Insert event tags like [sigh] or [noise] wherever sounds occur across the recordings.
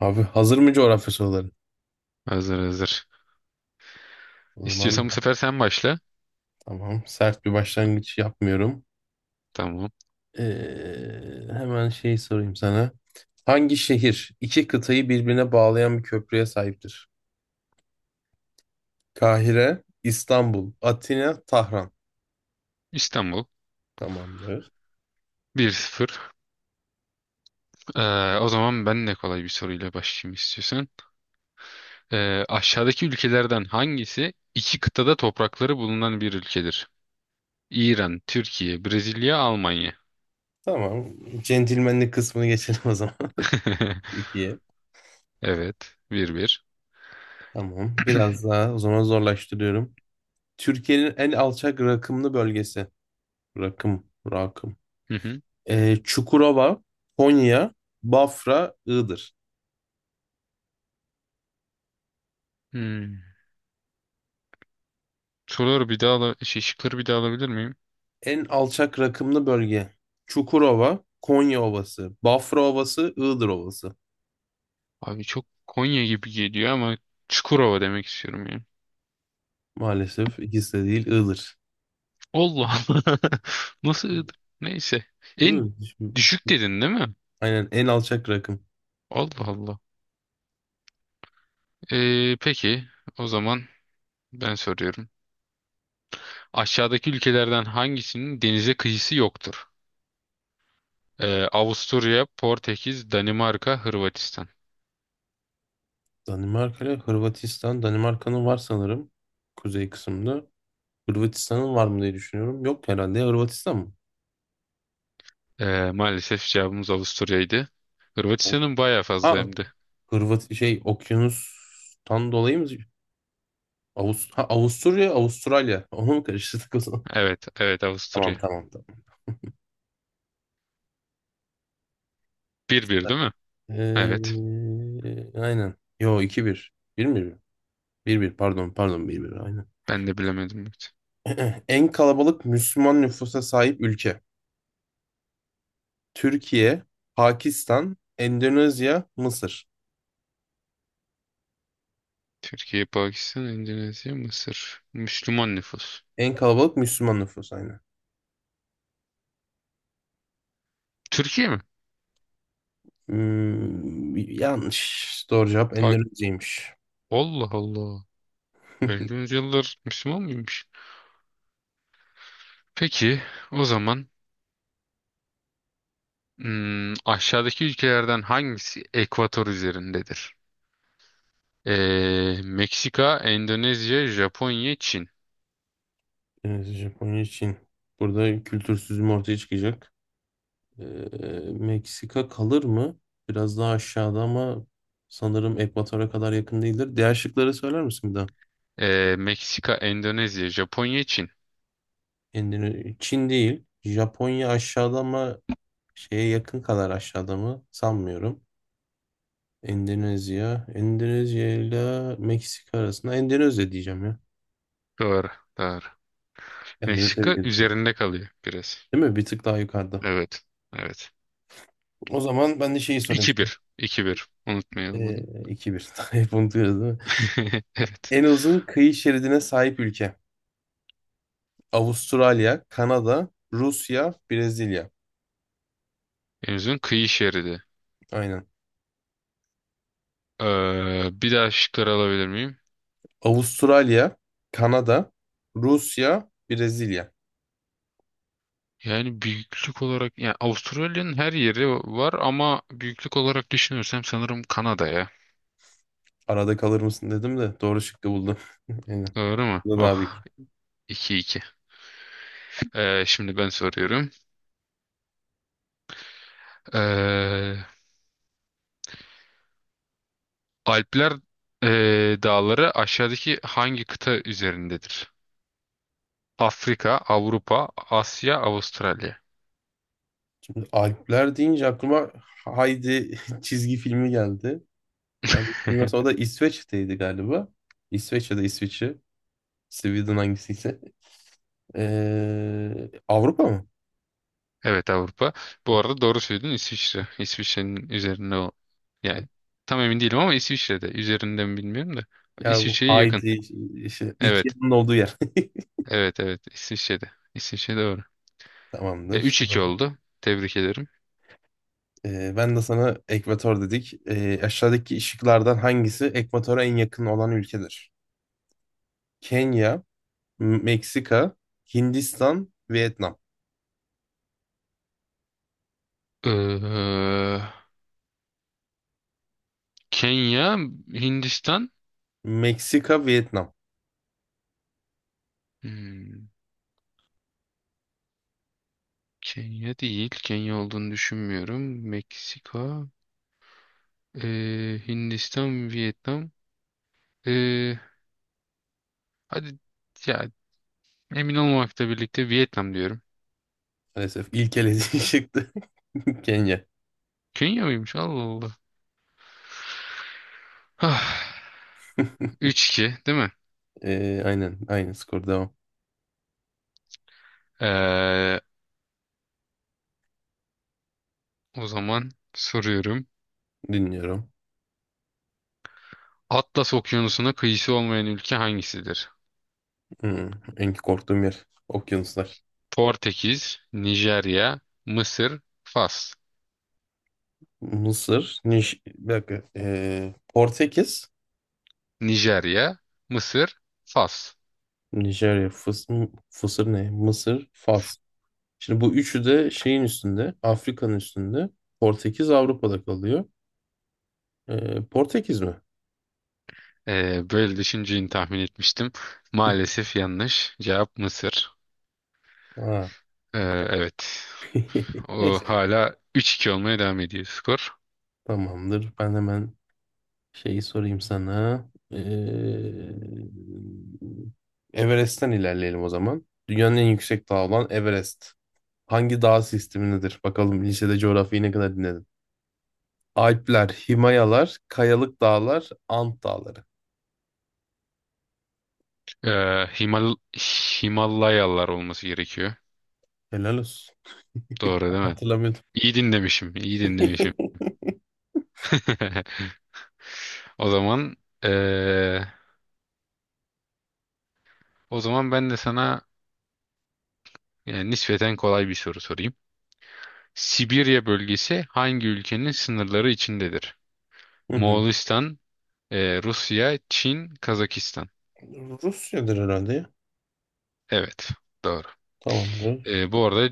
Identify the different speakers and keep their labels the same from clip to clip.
Speaker 1: Abi hazır mı coğrafya soruları?
Speaker 2: Hazır hazır.
Speaker 1: O zaman
Speaker 2: İstiyorsan bu sefer sen başla.
Speaker 1: tamam. Sert bir başlangıç yapmıyorum.
Speaker 2: Tamam.
Speaker 1: Ee, hemen şey sorayım sana. Hangi şehir iki kıtayı birbirine bağlayan bir köprüye sahiptir? Kahire, İstanbul, Atina, Tahran.
Speaker 2: İstanbul.
Speaker 1: Tamamdır.
Speaker 2: 1-0. O zaman ben de kolay bir soruyla başlayayım istiyorsan. Aşağıdaki ülkelerden hangisi iki kıtada toprakları bulunan bir ülkedir? İran, Türkiye, Brezilya, Almanya.
Speaker 1: Tamam. Centilmenlik kısmını geçelim o zaman. [laughs]
Speaker 2: [laughs]
Speaker 1: Türkiye.
Speaker 2: Evet. 1-1.
Speaker 1: Tamam. Biraz
Speaker 2: [clears throat]
Speaker 1: daha o zaman zorlaştırıyorum. Türkiye'nin en alçak rakımlı bölgesi. Rakım, rakım.
Speaker 2: Hı hı.
Speaker 1: Çukurova, Konya, Bafra, Iğdır.
Speaker 2: Hmm. Soruları bir daha ala şey, şıkları bir daha alabilir miyim?
Speaker 1: En alçak rakımlı bölge. Çukurova, Konya Ovası, Bafra Ovası, Iğdır Ovası.
Speaker 2: Abi çok Konya gibi geliyor ama Çukurova demek istiyorum ya.
Speaker 1: Maalesef ikisi de değil, Iğdır.
Speaker 2: Allah Allah. [laughs] Nasıl ığdı? Neyse.
Speaker 1: Değil
Speaker 2: En
Speaker 1: mi?
Speaker 2: düşük dedin değil mi?
Speaker 1: Aynen en alçak rakım.
Speaker 2: Allah Allah. Peki o zaman ben soruyorum. Aşağıdaki ülkelerden hangisinin denize kıyısı yoktur? Avusturya, Portekiz, Danimarka, Hırvatistan.
Speaker 1: Danimarka ile Hırvatistan. Danimarka'nın var sanırım. Kuzey kısmında. Hırvatistan'ın var mı diye düşünüyorum. Yok herhalde. Ya Hırvatistan mı?
Speaker 2: Maalesef cevabımız Avusturya'ydı. Hırvatistan'ın bayağı fazla
Speaker 1: Ha,
Speaker 2: hem de.
Speaker 1: Hırvat şey okyanustan dolayı mı? Avusturya, Avustralya. [laughs] Onu mu karıştırdık o zaman?
Speaker 2: Evet, evet,
Speaker 1: [laughs] Tamam
Speaker 2: Avusturya.
Speaker 1: tamam. Tamam.
Speaker 2: 1-1 değil mi? Evet.
Speaker 1: Ee, aynen. Yo iki bir, bir 1 bir bir. 1 pardon pardon bir bir. Aynen.
Speaker 2: Ben de bilemedim. Evet.
Speaker 1: [clears throat] En kalabalık Müslüman nüfusa sahip ülke. Türkiye, Pakistan, Endonezya, Mısır.
Speaker 2: Türkiye, Pakistan, Endonezya, Mısır. Müslüman nüfus.
Speaker 1: En kalabalık Müslüman nüfus aynen.
Speaker 2: Türkiye mi?
Speaker 1: Hmm, yanlış. Doğru cevap Endonezya'ymış.
Speaker 2: Allah Allah. 50.
Speaker 1: [laughs]
Speaker 2: yüzyıldır Müslüman mıymış? Peki o zaman, aşağıdaki ülkelerden hangisi ekvator üzerindedir? Meksika, Endonezya, Japonya, Çin.
Speaker 1: Evet, Japonya, Çin. Burada kültürsüzüm ortaya çıkacak. Ee, Meksika kalır mı? Biraz daha aşağıda ama sanırım ekvatora kadar yakın değildir. Diğer şıkları söyler misin bir daha?
Speaker 2: Meksika, Endonezya, Japonya, Çin.
Speaker 1: Çin değil. Japonya aşağıda ama şeye yakın kadar aşağıda mı? Sanmıyorum. Endonezya. Endonezya ile Meksika arasında Endonezya diyeceğim ya.
Speaker 2: Doğru, doğru.
Speaker 1: Kendimi tebrik
Speaker 2: Meksika
Speaker 1: ediyorum.
Speaker 2: üzerinde kalıyor biraz.
Speaker 1: Değil mi? Bir tık daha yukarıda.
Speaker 2: Evet, evet.
Speaker 1: O zaman ben de şeyi sorayım
Speaker 2: 2
Speaker 1: sana.
Speaker 2: bir, 2-1. Unutmayalım onu.
Speaker 1: 2-1. [laughs] Hep unutuyoruz değil mi?
Speaker 2: [laughs] Evet.
Speaker 1: En uzun kıyı şeridine sahip ülke. Avustralya, Kanada, Rusya, Brezilya.
Speaker 2: En uzun kıyı şeridi.
Speaker 1: Aynen.
Speaker 2: Bir daha şıkları alabilir miyim?
Speaker 1: Avustralya, Kanada, Rusya, Brezilya.
Speaker 2: Yani büyüklük olarak yani Avustralya'nın her yeri var ama büyüklük olarak düşünürsem sanırım Kanada ya.
Speaker 1: Arada kalır mısın dedim de doğru şıkkı buldum. [laughs] Aynen.
Speaker 2: Doğru mu?
Speaker 1: Bu da
Speaker 2: Oh,
Speaker 1: abi.
Speaker 2: 2-2. Şimdi ben soruyorum. Ee, Alpler dağları aşağıdaki hangi kıta üzerindedir? Afrika, Avrupa, Asya, Avustralya.
Speaker 1: Alpler deyince aklıma Haydi [laughs] çizgi filmi geldi. Yanlış bilmiyorsam o da
Speaker 2: [laughs]
Speaker 1: İsveç'teydi galiba. İsveç ya da İsviçre. Sweden hangisiyse. Avrupa mı?
Speaker 2: Evet, Avrupa. Bu arada doğru söyledin, İsviçre. İsviçre'nin üzerinde o. Yani tam emin değilim ama İsviçre'de. Üzerinde mi bilmiyorum da.
Speaker 1: Ya bu
Speaker 2: İsviçre'ye yakın.
Speaker 1: Haydi işte iki
Speaker 2: Evet.
Speaker 1: ikizinin olduğu yer.
Speaker 2: Evet evet İsviçre'de. İsviçre doğru.
Speaker 1: [laughs] Tamamdır.
Speaker 2: 3-2 oldu. Tebrik ederim.
Speaker 1: Ben de sana ekvator dedik. Aşağıdaki ışıklardan hangisi ekvatora en yakın olan ülkedir? Kenya, Meksika, Hindistan, Vietnam.
Speaker 2: Ee, Kenya, Hindistan.
Speaker 1: Meksika, Vietnam.
Speaker 2: Hmm, Kenya değil. Kenya olduğunu düşünmüyorum. Meksika, Hindistan, Vietnam. Ee, hadi ya, emin olmamakla birlikte Vietnam diyorum.
Speaker 1: Maalesef ilk elediği [laughs] çıktı. Kenya.
Speaker 2: Kenya mıymış? Allah Allah. Ah, 3-2 değil mi?
Speaker 1: Aynen, aynı skor devam.
Speaker 2: Ee, O zaman soruyorum.
Speaker 1: Dinliyorum.
Speaker 2: Atlas Okyanusu'na kıyısı olmayan ülke hangisidir?
Speaker 1: Hmm, en korktuğum yer. Okyanuslar.
Speaker 2: Portekiz, Nijerya, Mısır, Fas.
Speaker 1: Mısır. Bir dakika. Portekiz,
Speaker 2: Nijerya, Mısır, Fas.
Speaker 1: Nijerya, Fısır ne? Mısır, Fas. Şimdi bu üçü de şeyin üstünde, Afrika'nın üstünde. Portekiz Avrupa'da kalıyor. Portekiz mi?
Speaker 2: Böyle düşüneceğini tahmin etmiştim. Maalesef yanlış. Cevap Mısır.
Speaker 1: Ha.
Speaker 2: Ee, evet.
Speaker 1: [laughs]
Speaker 2: O
Speaker 1: Neyse.
Speaker 2: hala 3-2 olmaya devam ediyor skor.
Speaker 1: Tamamdır. Ben hemen şeyi sorayım sana. Ee, Everest'ten ilerleyelim o zaman. Dünyanın en yüksek dağı olan Everest. Hangi dağ sistemindedir? Bakalım lisede coğrafyayı ne kadar dinledin. Alpler, Himayalar, Kayalık Dağlar, Ant Dağları.
Speaker 2: Ee, Himal Himalayalar olması gerekiyor.
Speaker 1: Helal olsun.
Speaker 2: Doğru değil mi?
Speaker 1: Hatırlamıyorum.
Speaker 2: İyi dinlemişim. İyi dinlemişim. [laughs]
Speaker 1: [laughs]
Speaker 2: O zaman ee, O zaman ben de sana nispeten kolay bir soru sorayım. Sibirya bölgesi hangi ülkenin sınırları içindedir?
Speaker 1: Hı hı.
Speaker 2: Moğolistan, Rusya, Çin, Kazakistan.
Speaker 1: Rusya'dır herhalde ya.
Speaker 2: Evet, doğru.
Speaker 1: Tamamdır.
Speaker 2: Bu arada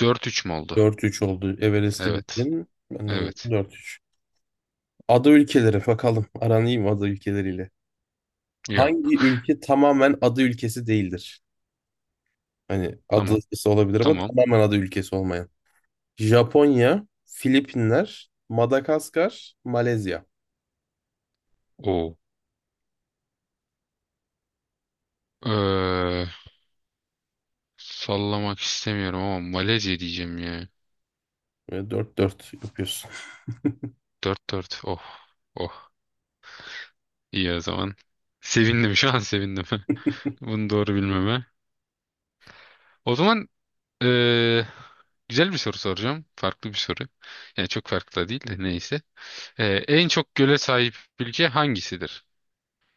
Speaker 2: 4-3 mü oldu?
Speaker 1: 4-3 oldu. Everest'i
Speaker 2: Evet,
Speaker 1: bildin. Ben de onu
Speaker 2: evet.
Speaker 1: 4-3. Ada ülkeleri bakalım. Aran iyi mi ada ülkeleriyle?
Speaker 2: Ya,
Speaker 1: Hangi ülke tamamen ada ülkesi değildir? Hani
Speaker 2: tamam,
Speaker 1: adası olabilir ama
Speaker 2: tamam.
Speaker 1: tamamen ada ülkesi olmayan. Japonya, Filipinler, Madagaskar, Malezya.
Speaker 2: O. e, sallamak istemiyorum ama Malezya diyeceğim ya.
Speaker 1: Böyle dört 4 yapıyorsun.
Speaker 2: 4-4. Oh, oh. İyi o zaman. Sevindim, şu an sevindim. [laughs] Bunu doğru bilmeme. O zaman, Ee, güzel bir soru soracağım. Farklı bir soru. Yani çok farklı da değil de neyse. En çok göle sahip ülke hangisidir?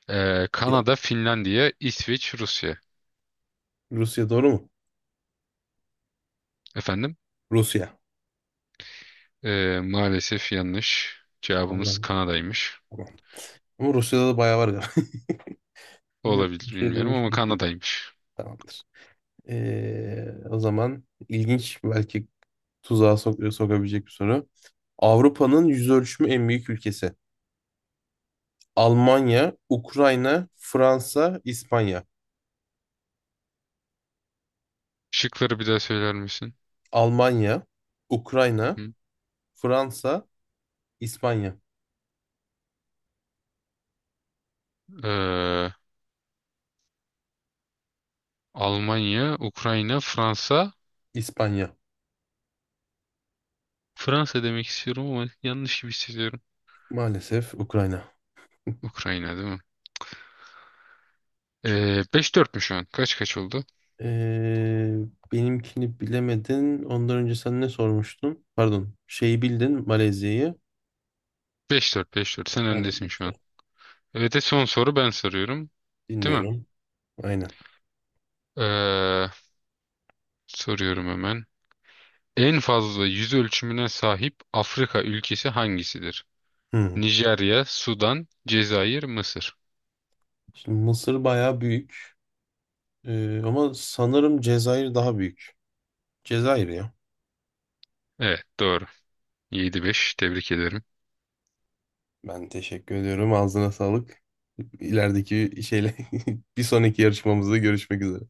Speaker 1: Ya,
Speaker 2: Kanada, Finlandiya, İsveç, Rusya.
Speaker 1: Rusya doğru mu?
Speaker 2: Efendim?
Speaker 1: Rusya.
Speaker 2: Maalesef yanlış. Cevabımız
Speaker 1: Allah'ım.
Speaker 2: Kanada'ymış.
Speaker 1: Tamam. Ama Rusya'da da bayağı var galiba. [laughs]
Speaker 2: Olabilir
Speaker 1: Bir şey
Speaker 2: bilmiyorum ama
Speaker 1: duymuştum şimdi.
Speaker 2: Kanada'ymış.
Speaker 1: Tamamdır. O zaman ilginç belki tuzağa sokabilecek bir soru. Avrupa'nın yüz ölçümü en büyük ülkesi. Almanya, Ukrayna, Fransa, İspanya.
Speaker 2: Şıkları bir daha söyler misin?
Speaker 1: Almanya,
Speaker 2: Hı
Speaker 1: Ukrayna,
Speaker 2: hı.
Speaker 1: Fransa, İspanya.
Speaker 2: Ee, Almanya, Ukrayna, Fransa.
Speaker 1: İspanya.
Speaker 2: Fransa demek istiyorum ama yanlış gibi hissediyorum.
Speaker 1: Maalesef Ukrayna.
Speaker 2: Ukrayna değil mi? Ee, 5-4 mü şu an? Kaç kaç oldu?
Speaker 1: Ee, benimkini bilemedin. Ondan önce sen ne sormuştun? Pardon. Şeyi bildin, Malezya'yı.
Speaker 2: 5-4, 5-4. Sen öndesin
Speaker 1: Aynen.
Speaker 2: şu an. Evet, son soru ben soruyorum. Değil mi?
Speaker 1: Dinliyorum. Aynen.
Speaker 2: Ee, soruyorum hemen. En fazla yüz ölçümüne sahip Afrika ülkesi hangisidir?
Speaker 1: Hı.
Speaker 2: Nijerya, Sudan, Cezayir, Mısır.
Speaker 1: Şimdi Mısır bayağı büyük. Ama sanırım Cezayir daha büyük. Cezayir ya.
Speaker 2: Evet, doğru. 7-5. Tebrik ederim.
Speaker 1: Ben teşekkür ediyorum. Ağzına sağlık. İlerideki şeyle [laughs] bir sonraki yarışmamızda görüşmek üzere.